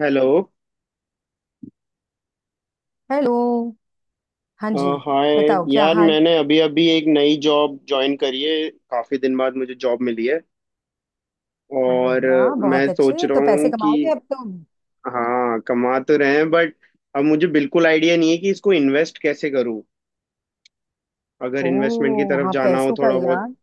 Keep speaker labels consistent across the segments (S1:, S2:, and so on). S1: Hello.
S2: Hello. हाँ
S1: अ,
S2: जी,
S1: हाय।
S2: बताओ क्या
S1: यार,
S2: हाल।
S1: मैंने अभी अभी एक नई जॉब ज्वाइन करी है। काफी दिन बाद मुझे जॉब मिली है।
S2: अरे
S1: और
S2: वाह,
S1: मैं
S2: बहुत
S1: सोच
S2: अच्छे।
S1: रहा
S2: तो पैसे
S1: हूँ कि
S2: कमाओगे अब तुम।
S1: हाँ, कमा तो रहे हैं बट अब मुझे बिल्कुल आइडिया नहीं है कि इसको इन्वेस्ट कैसे करूँ। अगर इन्वेस्टमेंट की
S2: ओ
S1: तरफ
S2: हाँ,
S1: जाना हो
S2: पैसों का
S1: थोड़ा बहुत।
S2: यार।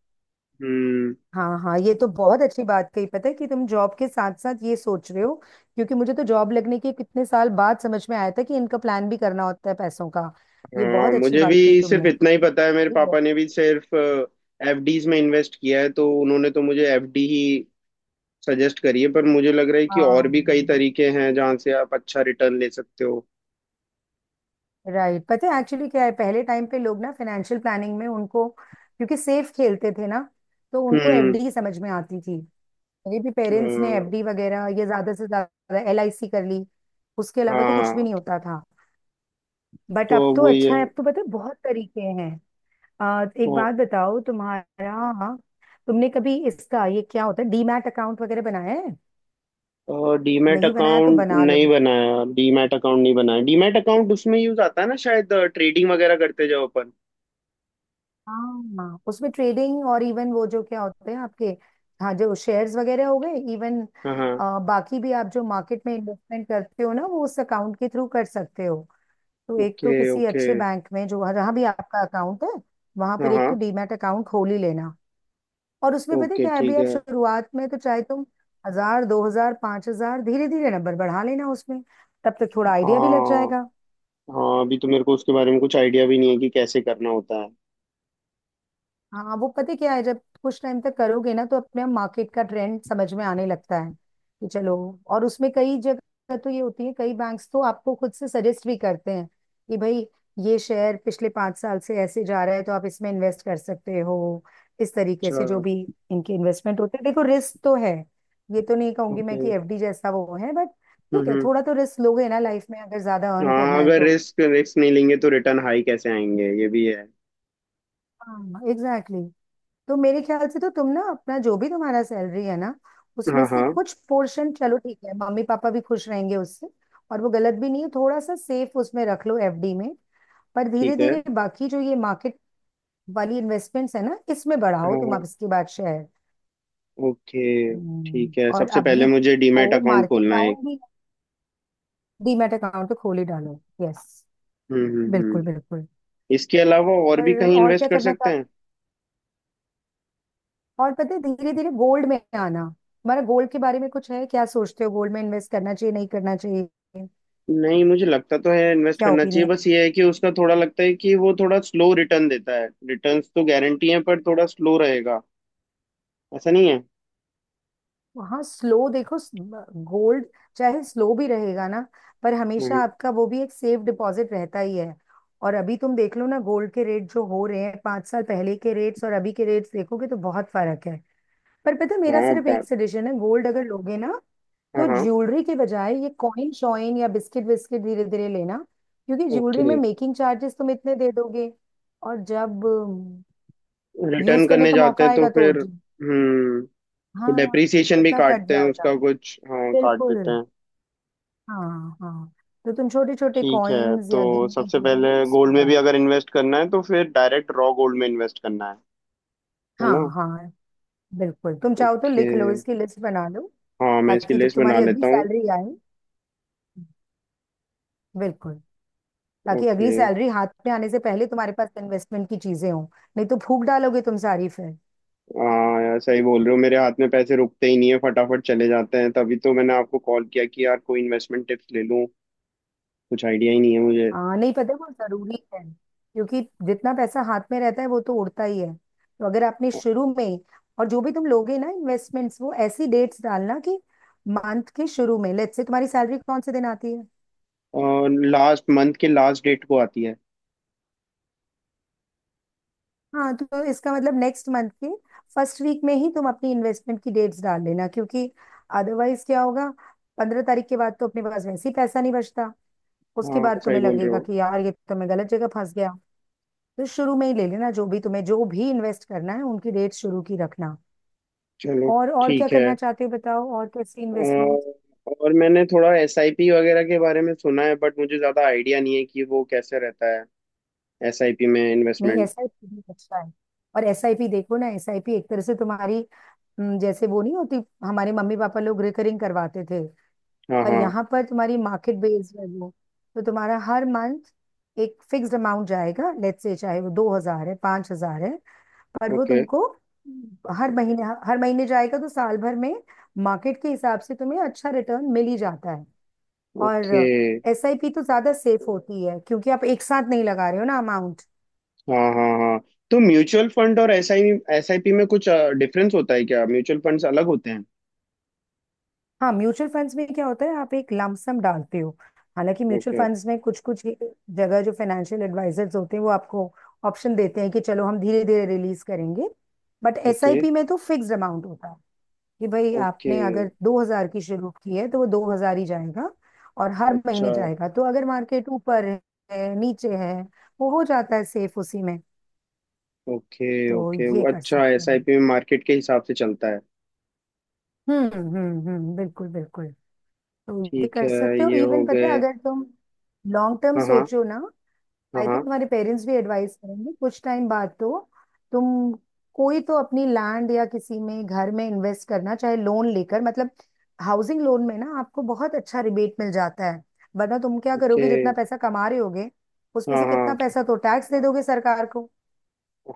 S1: हम्म।
S2: हाँ हाँ, ये तो बहुत अच्छी बात कही। पता है कि तुम जॉब के साथ साथ ये सोच रहे हो, क्योंकि मुझे तो जॉब लगने के कितने साल बाद समझ में आया था कि इनका प्लान भी करना होता है पैसों का। ये
S1: हाँ,
S2: बहुत अच्छी
S1: मुझे भी
S2: बात कही
S1: सिर्फ
S2: तुमने।
S1: इतना ही पता है, मेरे
S2: ठीक है।
S1: पापा ने भी सिर्फ एफडीज में इन्वेस्ट किया है, तो उन्होंने तो मुझे एफडी ही सजेस्ट करी है। पर मुझे लग रहा है कि और भी कई
S2: हाँ,
S1: तरीके हैं जहाँ से आप अच्छा रिटर्न ले सकते हो।
S2: राइट। पता है एक्चुअली क्या है, पहले टाइम पे लोग ना फाइनेंशियल प्लानिंग में उनको क्योंकि सेफ खेलते थे ना, तो उनको
S1: हम्म।
S2: एफडी समझ में आती थी। मेरे भी
S1: अ,
S2: पेरेंट्स ने एफडी वगैरह ये ज्यादा से ज्यादा एलआईसी कर ली। उसके अलावा तो कुछ भी
S1: हाँ।
S2: नहीं होता था। बट
S1: तो
S2: अब तो
S1: वो ये
S2: अच्छा है, अब तो पता है बहुत तरीके हैं।
S1: तो
S2: एक बात बताओ, तुम्हारा, तुमने कभी इसका ये क्या होता है डीमैट अकाउंट वगैरह बनाया है।
S1: डीमैट
S2: नहीं बनाया तो
S1: अकाउंट
S2: बना लो।
S1: नहीं बनाया, डीमैट अकाउंट नहीं बनाया। डीमैट अकाउंट उसमें यूज आता है ना, शायद ट्रेडिंग वगैरह करते जाओ अपन।
S2: हाँ, उसमें ट्रेडिंग और इवन वो जो क्या होते हैं आपके, हाँ, जो शेयर्स वगैरह हो गए, इवन
S1: हाँ हाँ।
S2: बाकी भी आप जो मार्केट में इन्वेस्टमेंट करते हो ना, वो उस अकाउंट के थ्रू कर सकते हो। तो एक तो
S1: ओके
S2: किसी
S1: ओके।
S2: अच्छे बैंक में, जो जहां भी आपका अकाउंट है, वहां पर
S1: हाँ
S2: एक तो
S1: हाँ।
S2: डीमैट अकाउंट खोल ही लेना। और उसमें पता है
S1: ओके,
S2: क्या है, अभी
S1: ठीक
S2: आप
S1: है।
S2: शुरुआत में तो चाहे तुम 1000, 2000, 5000 धीरे धीरे नंबर बढ़ा लेना उसमें। तब तक थोड़ा आइडिया भी लग
S1: हाँ
S2: जाएगा।
S1: हाँ, अभी तो मेरे को उसके बारे में कुछ आइडिया भी नहीं है कि कैसे करना होता है।
S2: हाँ, वो पता है क्या है, जब कुछ टाइम तक करोगे ना, तो अपने आप मार्केट का ट्रेंड समझ में आने लगता है कि चलो। और उसमें कई जगह तो ये होती है, कई बैंक्स तो आपको खुद से सजेस्ट भी करते हैं कि भाई, ये शेयर पिछले 5 साल से ऐसे जा रहा है, तो आप इसमें इन्वेस्ट कर सकते हो। इस तरीके
S1: अच्छा।
S2: से, जो भी इनके इन्वेस्टमेंट होते हैं, देखो रिस्क तो है। ये तो नहीं कहूंगी मैं
S1: ओके।
S2: कि एफडी जैसा वो है, बट ठीक है,
S1: हम्म।
S2: थोड़ा तो रिस्क लोगे ना लाइफ में अगर ज्यादा अर्न
S1: हाँ,
S2: करना है
S1: अगर
S2: तो।
S1: रिस्क रिस्क नहीं लेंगे तो रिटर्न हाई कैसे आएंगे, ये भी है।
S2: हाँ एग्जैक्टली। तो मेरे ख्याल से तो तुम ना अपना जो भी तुम्हारा सैलरी है ना, उसमें
S1: हाँ
S2: से
S1: हाँ।
S2: कुछ पोर्शन, चलो ठीक है, मम्मी पापा भी खुश रहेंगे उससे, और वो गलत भी नहीं है, थोड़ा सा सेफ उसमें रख लो एफडी में। पर धीरे
S1: ठीक है।
S2: धीरे बाकी जो ये मार्केट वाली इन्वेस्टमेंट्स है ना, इसमें बढ़ाओ
S1: हाँ
S2: तुम। अब
S1: हाँ।
S2: इसके बाद शेयर।
S1: ओके। ठीक है,
S2: और
S1: सबसे
S2: अभी
S1: पहले मुझे डीमैट
S2: तो
S1: अकाउंट
S2: मार्केट
S1: खोलना है एक।
S2: डाउन भी। डीमैट अकाउंट तो खोल ही डालो, यस।
S1: हम्म।
S2: बिल्कुल बिल्कुल।
S1: इसके अलावा और भी
S2: और
S1: कहीं
S2: और
S1: इन्वेस्ट
S2: क्या
S1: कर
S2: करना
S1: सकते हैं?
S2: चाहते, और पता है, धीरे धीरे गोल्ड में आना हमारा। गोल्ड के बारे में कुछ है क्या, सोचते हो गोल्ड में इन्वेस्ट करना चाहिए नहीं करना चाहिए?
S1: नहीं, मुझे लगता तो है इन्वेस्ट
S2: क्या
S1: करना चाहिए,
S2: ओपिनियन
S1: बस
S2: है?
S1: ये है कि उसका थोड़ा लगता है कि वो थोड़ा स्लो रिटर्न देता है। रिटर्न्स तो गारंटी है पर थोड़ा स्लो रहेगा, ऐसा नहीं है।
S2: हाँ, स्लो, देखो, गोल्ड चाहे स्लो भी रहेगा ना, पर हमेशा
S1: हम्म,
S2: आपका वो भी एक सेफ डिपॉजिट रहता ही है। और अभी तुम देख लो ना गोल्ड के रेट जो हो रहे हैं, 5 साल पहले के रेट्स और अभी के रेट्स देखोगे तो बहुत फर्क है। पर पता है, मेरा
S1: हाँ
S2: सिर्फ एक
S1: बात।
S2: सजेशन है, गोल्ड अगर लोगे ना,
S1: हाँ
S2: तो
S1: हाँ।
S2: ज्वेलरी के बजाय ये कॉइन शॉइन या बिस्किट विस्किट धीरे धीरे लेना, क्योंकि ज्वेलरी में
S1: ओके,
S2: मेकिंग चार्जेस तुम इतने दे दोगे, और जब
S1: रिटर्न
S2: यूज करने
S1: करने
S2: का
S1: जाते
S2: मौका
S1: हैं तो
S2: आएगा तो
S1: फिर हम्म।
S2: हाँ
S1: डेप्रिसिएशन भी
S2: कितना कट
S1: काटते हैं
S2: जाएगा।
S1: उसका कुछ, हाँ काट
S2: बिल्कुल।
S1: देते हैं।
S2: हाँ हाँ। तो तुम छोटे छोटे
S1: ठीक है,
S2: कॉइन्स
S1: तो
S2: या गिन्ने
S1: सबसे
S2: जो भी
S1: पहले
S2: है
S1: गोल्ड
S2: उसमें
S1: में
S2: डाल।
S1: भी अगर इन्वेस्ट करना है तो फिर डायरेक्ट रॉ गोल्ड में इन्वेस्ट करना है
S2: हाँ
S1: ना?
S2: हाँ, बिल्कुल। तुम चाहो तो
S1: ओके।
S2: लिख लो, इसकी लिस्ट बना लो,
S1: हाँ, मैं इसकी
S2: ताकि जब
S1: लिस्ट बना
S2: तुम्हारी अगली
S1: लेता हूँ।
S2: सैलरी आए, बिल्कुल, ताकि
S1: ओके।
S2: अगली सैलरी हाथ में आने से पहले तुम्हारे पास इन्वेस्टमेंट की चीजें हों। नहीं तो फूक डालोगे तुम सारी फिर।
S1: हाँ यार, सही बोल रहे हो, मेरे हाथ में पैसे रुकते ही नहीं है, फटाफट चले जाते हैं। तभी तो मैंने आपको कॉल किया कि यार, कोई इन्वेस्टमेंट टिप्स ले लूँ। कुछ आइडिया ही नहीं है मुझे।
S2: हाँ, नहीं पता है वो जरूरी है, क्योंकि जितना पैसा हाथ में रहता है वो तो उड़ता ही है। तो अगर आपने शुरू में, और जो भी तुम लोगे ना इन्वेस्टमेंट्स, वो ऐसी डेट्स डालना कि मंथ के शुरू में, लेट्स से तुम्हारी सैलरी कौन से दिन आती है?
S1: और लास्ट मंथ के लास्ट डेट को आती है।
S2: हाँ, तो इसका मतलब नेक्स्ट मंथ के फर्स्ट वीक में ही तुम अपनी इन्वेस्टमेंट की डेट्स डाल लेना, क्योंकि अदरवाइज क्या होगा, 15 तारीख के बाद तो अपने पास वैसे ही पैसा नहीं बचता। उसके
S1: हाँ,
S2: बाद
S1: सही
S2: तुम्हें
S1: बोल रहे
S2: लगेगा
S1: हो।
S2: कि यार ये तो मैं गलत जगह फंस गया। तो शुरू में ही ले लेना, जो भी तुम्हें जो भी इन्वेस्ट करना है उनकी रेट शुरू की रखना।
S1: चलो,
S2: और क्या
S1: ठीक है।
S2: करना चाहते हो बताओ, और कैसी इन्वेस्टमेंट?
S1: और मैंने थोड़ा एसआईपी वगैरह के बारे में सुना है बट मुझे ज़्यादा आइडिया नहीं है कि वो कैसे रहता है। एसआईपी में
S2: नहीं,
S1: इन्वेस्टमेंट।
S2: एसआईपी भी अच्छा है। और एसआईपी, देखो ना, एसआईपी एक तरह से तुम्हारी, जैसे वो नहीं होती, हमारे मम्मी पापा लोग रिकरिंग करवाते थे,
S1: हाँ
S2: पर
S1: हाँ।
S2: यहाँ पर तुम्हारी मार्केट बेस्ड है वो। तो तुम्हारा हर मंथ एक फिक्स्ड अमाउंट जाएगा, लेट्स से चाहे वो 2000 है 5000 है, पर वो
S1: ओके
S2: तुमको हर महीने जाएगा, तो साल भर में मार्केट के हिसाब से तुम्हें अच्छा रिटर्न मिल ही जाता है।
S1: ओके।
S2: और एसआईपी तो ज्यादा सेफ होती है, क्योंकि आप एक साथ नहीं लगा रहे हो ना अमाउंट।
S1: हाँ हाँ हाँ। तो म्यूचुअल फंड और एसआईपी में कुछ डिफरेंस होता है क्या? म्यूचुअल फंड्स अलग होते हैं?
S2: हाँ, म्यूचुअल फंड्स में क्या होता है, आप एक लमसम डालते हो। हालांकि म्यूचुअल
S1: ओके।
S2: फंड्स में कुछ कुछ जगह जो फाइनेंशियल एडवाइजर्स होते हैं, वो आपको ऑप्शन देते हैं कि चलो हम धीरे धीरे रिलीज करेंगे। But
S1: okay.
S2: एसआईपी में तो फिक्स्ड अमाउंट होता है कि भाई,
S1: ओके।
S2: आपने अगर 2000 की शुरू की है तो वो 2000 ही जाएगा, और हर
S1: अच्छा।
S2: महीने जाएगा, तो अगर मार्केट ऊपर है नीचे है, वो हो जाता है सेफ उसी में।
S1: ओके।
S2: तो
S1: ओके,
S2: ये
S1: वो
S2: कर
S1: अच्छा,
S2: सकते हो।
S1: एसआईपी में मार्केट के हिसाब से चलता है।
S2: हम्म हम्म हम्म, बिल्कुल बिल्कुल। तो ये
S1: ठीक
S2: कर
S1: है,
S2: सकते हो।
S1: ये हो
S2: इवन पता है,
S1: गए।
S2: अगर तुम लॉन्ग टर्म
S1: हाँ हाँ।
S2: सोचो ना,
S1: हाँ
S2: आई
S1: हाँ।
S2: थिंक तुम्हारे पेरेंट्स भी एडवाइस करेंगे कुछ टाइम बाद तो। तुम, कोई तो अपनी लैंड या किसी में घर में इन्वेस्ट करना चाहे लोन लेकर, मतलब हाउसिंग लोन में ना आपको बहुत अच्छा रिबेट मिल जाता है। वरना तुम क्या
S1: ओके।
S2: करोगे, जितना पैसा कमा रहे होगे, उसमें
S1: हाँ
S2: से कितना
S1: हाँ।
S2: पैसा तो टैक्स दे दोगे सरकार को,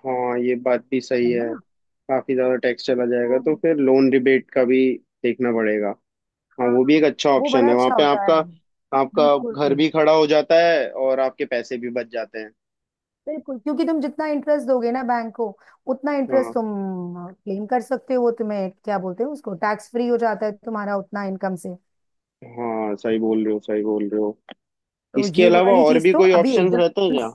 S1: हाँ, ये बात भी सही
S2: है ना।
S1: है। काफी ज्यादा टैक्स चला
S2: तो
S1: जाएगा, तो फिर लोन रिबेट का भी देखना पड़ेगा। हाँ,
S2: हाँ,
S1: वो भी एक अच्छा
S2: वो
S1: ऑप्शन
S2: बड़ा
S1: है, वहां
S2: अच्छा
S1: पे
S2: होता
S1: आपका।
S2: है।
S1: आपका घर
S2: बिल्कुल
S1: भी खड़ा हो जाता है और आपके पैसे भी बच जाते हैं।
S2: बिल्कुल, क्योंकि तुम जितना इंटरेस्ट दोगे ना बैंक को, उतना इंटरेस्ट
S1: हाँ।
S2: तुम क्लेम कर सकते हो। वो तुम्हें क्या बोलते हो उसको, टैक्स फ्री हो जाता है तुम्हारा उतना इनकम से।
S1: हाँ सही बोल रहे हो, सही बोल रहे हो।
S2: तो
S1: इसके
S2: ये
S1: अलावा
S2: वाली
S1: और
S2: चीज
S1: भी
S2: तो
S1: कोई
S2: अभी
S1: ऑप्शंस रहते हैं
S2: एकदम।
S1: क्या?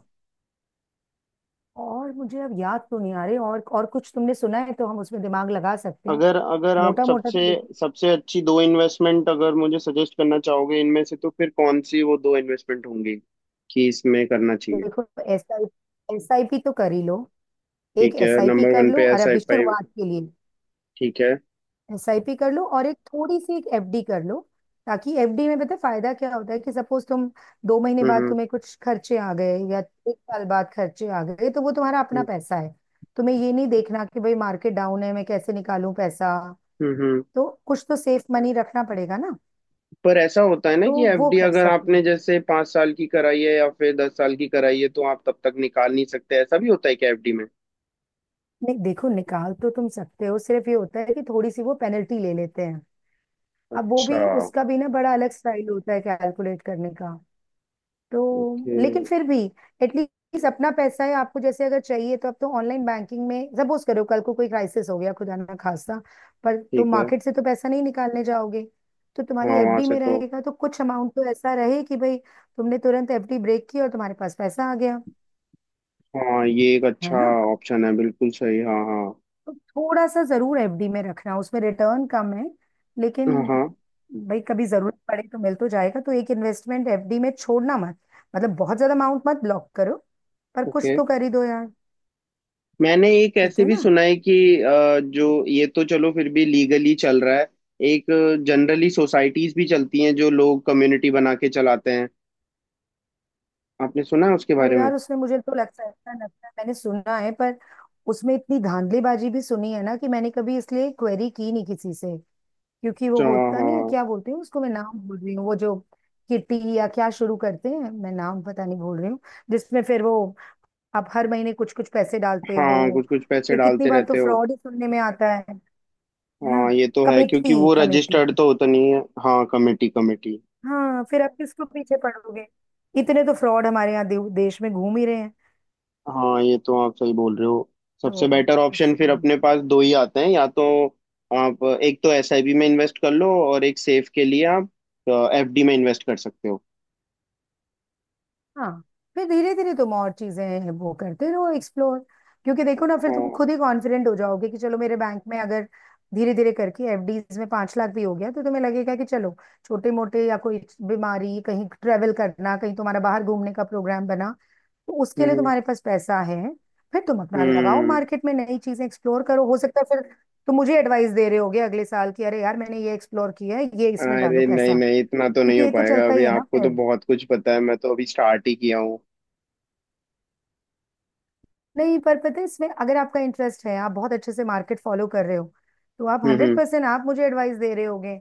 S2: और मुझे अब याद तो नहीं आ रही, और कुछ तुमने सुना है तो हम उसमें दिमाग लगा सकते हैं।
S1: अगर अगर आप
S2: मोटा मोटा तो
S1: सबसे
S2: देखो,
S1: सबसे अच्छी दो इन्वेस्टमेंट अगर मुझे सजेस्ट करना चाहोगे इनमें से, तो फिर कौन सी वो दो इन्वेस्टमेंट होंगी कि इसमें करना चाहिए?
S2: देखो, S I S I P तो कर ही लो। एक
S1: ठीक है,
S2: एस आई पी
S1: नंबर
S2: कर
S1: वन
S2: लो,
S1: पे
S2: और
S1: एस आई
S2: अभी
S1: पी
S2: शुरुआत के लिए
S1: ठीक है।
S2: एसआईपी कर लो और एक थोड़ी सी एक एफडी कर लो, ताकि एफडी में पता है फायदा क्या होता है, कि सपोज तुम 2 महीने
S1: हम्म
S2: बाद
S1: हम्म।
S2: तुम्हें कुछ खर्चे आ गए, या एक साल बाद खर्चे आ गए, तो वो तुम्हारा अपना
S1: हम्म।
S2: पैसा है। तुम्हें ये नहीं देखना कि भाई मार्केट डाउन है मैं कैसे निकालूं पैसा।
S1: हम्म, हम्म।
S2: तो कुछ तो सेफ मनी रखना पड़ेगा ना।
S1: पर ऐसा होता है ना
S2: तो
S1: कि
S2: वो
S1: एफडी
S2: कर
S1: अगर
S2: सकते
S1: आपने
S2: हो।
S1: जैसे 5 साल की कराई है या फिर 10 साल की कराई है, तो आप तब तक निकाल नहीं सकते? ऐसा भी होता है क्या एफडी में?
S2: नहीं देखो, निकाल तो तुम सकते हो, सिर्फ ये होता है कि थोड़ी सी वो पेनल्टी ले लेते हैं। अब वो
S1: अच्छा।
S2: भी, उसका भी ना बड़ा अलग स्टाइल होता है कैलकुलेट करने का, तो
S1: ओके।
S2: लेकिन फिर भी एटलीस्ट अपना पैसा है आपको, जैसे अगर चाहिए तो। अब तो ऑनलाइन बैंकिंग में सपोज करो कल को कोई क्राइसिस हो गया, खुदा ना खास्ता, पर तुम
S1: ठीक है।
S2: मार्केट से तो पैसा नहीं निकालने जाओगे, तो तुम्हारी
S1: हाँ, वहां
S2: एफडी
S1: से
S2: में
S1: तो।
S2: रहेगा, तो कुछ अमाउंट तो ऐसा रहे कि भाई तुमने तुरंत एफडी ब्रेक की और तुम्हारे पास पैसा आ गया,
S1: हाँ, ये एक
S2: है
S1: अच्छा
S2: ना।
S1: ऑप्शन है, बिल्कुल सही। हाँ हाँ।
S2: तो थोड़ा सा जरूर एफडी में रखना, उसमें रिटर्न कम है लेकिन
S1: हाँ हाँ।
S2: भाई कभी जरूरत पड़े तो मिल तो जाएगा। तो एक इन्वेस्टमेंट एफडी में छोड़ना मत, मतलब बहुत ज्यादा अमाउंट मत ब्लॉक करो, पर कुछ
S1: ओके,
S2: तो कर ही दो यार।
S1: मैंने एक
S2: ठीक
S1: ऐसे
S2: है
S1: भी
S2: ना।
S1: सुना है कि जो ये तो चलो फिर भी लीगली चल रहा है। एक जनरली सोसाइटीज भी चलती हैं जो लोग कम्युनिटी बना के चलाते हैं। आपने सुना है उसके
S2: पर
S1: बारे में?
S2: यार उसमें मुझे तो लगता है, ऐसा लगता है, मैंने सुना है पर उसमें इतनी धांधलीबाजी भी सुनी है ना कि मैंने कभी इसलिए क्वेरी की नहीं किसी से। क्योंकि वो
S1: अच्छा, हाँ
S2: होता नहीं है,
S1: हाँ।
S2: क्या बोलते हैं उसको, मैं नाम भूल रही हूँ, वो जो किटी या क्या शुरू करते हैं, मैं नाम पता नहीं भूल रही हूँ, जिसमें फिर वो आप हर महीने कुछ कुछ पैसे डालते
S1: हाँ,
S2: हो,
S1: कुछ कुछ पैसे
S2: फिर कितनी
S1: डालते
S2: बार तो
S1: रहते हो।
S2: फ्रॉड ही सुनने में आता है ना।
S1: हाँ ये तो है, क्योंकि
S2: कमेटी,
S1: वो
S2: कमेटी।
S1: रजिस्टर्ड तो होता नहीं है। हाँ, कमेटी कमेटी।
S2: हाँ, फिर आप किसको पीछे पड़ोगे। इतने तो फ्रॉड हमारे यहाँ देश में घूम ही रहे हैं।
S1: हाँ, ये तो आप सही बोल रहे हो। सबसे
S2: तो
S1: बेटर ऑप्शन फिर
S2: इसलिए,
S1: अपने पास दो ही आते हैं, या तो आप एक तो एसआईपी में इन्वेस्ट कर लो और एक सेफ के लिए आप एफडी में इन्वेस्ट कर सकते हो।
S2: हाँ, फिर धीरे धीरे तुम और चीजें वो करते रहो एक्सप्लोर, क्योंकि देखो ना फिर तुम
S1: हाँ।
S2: खुद ही कॉन्फिडेंट हो जाओगे। कि चलो मेरे बैंक में अगर धीरे धीरे करके एफडीज में 5 लाख भी हो गया, तो तुम्हें लगेगा कि चलो छोटे मोटे, या कोई बीमारी, कहीं ट्रेवल करना, कहीं तुम्हारा बाहर घूमने का प्रोग्राम बना, तो उसके लिए
S1: हम्म
S2: तुम्हारे पास पैसा है। फिर तुम अपना लगाओ
S1: हम्म।
S2: मार्केट में, नई चीजें एक्सप्लोर करो, हो सकता है फिर तुम मुझे एडवाइस दे रहे होगे अगले साल कि अरे यार मैंने ये एक्सप्लोर किया है, ये इसमें डालो
S1: अरे नहीं
S2: पैसा,
S1: नहीं, इतना तो नहीं
S2: क्योंकि
S1: हो
S2: ये तो
S1: पाएगा
S2: चलता
S1: अभी।
S2: ही है ना
S1: आपको तो
S2: फिर।
S1: बहुत कुछ पता है, मैं तो अभी स्टार्ट ही किया हूँ।
S2: नहीं, पर पता है इसमें अगर आपका इंटरेस्ट है, आप बहुत अच्छे से मार्केट फॉलो कर रहे हो, तो आप हंड्रेड
S1: हम्म।
S2: परसेंट आप मुझे एडवाइस दे रहे होगे।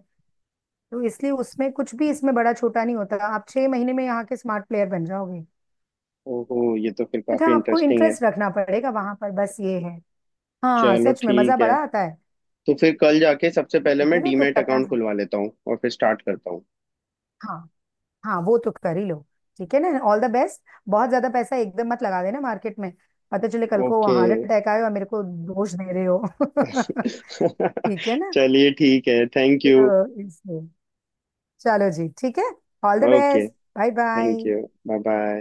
S2: तो इसलिए उसमें कुछ भी इसमें बड़ा छोटा नहीं होता, आप 6 महीने में यहाँ के स्मार्ट प्लेयर बन जाओगे।
S1: ओहो, ये तो फिर
S2: बट
S1: काफी
S2: हाँ, आपको
S1: इंटरेस्टिंग है।
S2: इंटरेस्ट रखना पड़ेगा वहां पर, बस ये है। हाँ,
S1: चलो
S2: सच में मजा
S1: ठीक है,
S2: बड़ा आता है।
S1: तो फिर कल जाके सबसे पहले
S2: ठीक है
S1: मैं
S2: ना, तो
S1: डीमैट
S2: करना
S1: अकाउंट
S2: चाहिए।
S1: खुलवा लेता हूँ और फिर स्टार्ट करता हूँ।
S2: हाँ, हाँ वो तो कर ही लो। ठीक है ना, ऑल द बेस्ट। बहुत ज्यादा पैसा एकदम मत लगा देना मार्केट में। पता चले कल को
S1: ओके।
S2: हार्ट अटैक आए और मेरे को दोष दे रहे हो। ठीक है ना।
S1: चलिए ठीक है, थैंक यू।
S2: तो इसलिए, चलो जी ठीक है, all the
S1: okay.
S2: Best. Bye
S1: thank
S2: bye.
S1: You. Bye bye.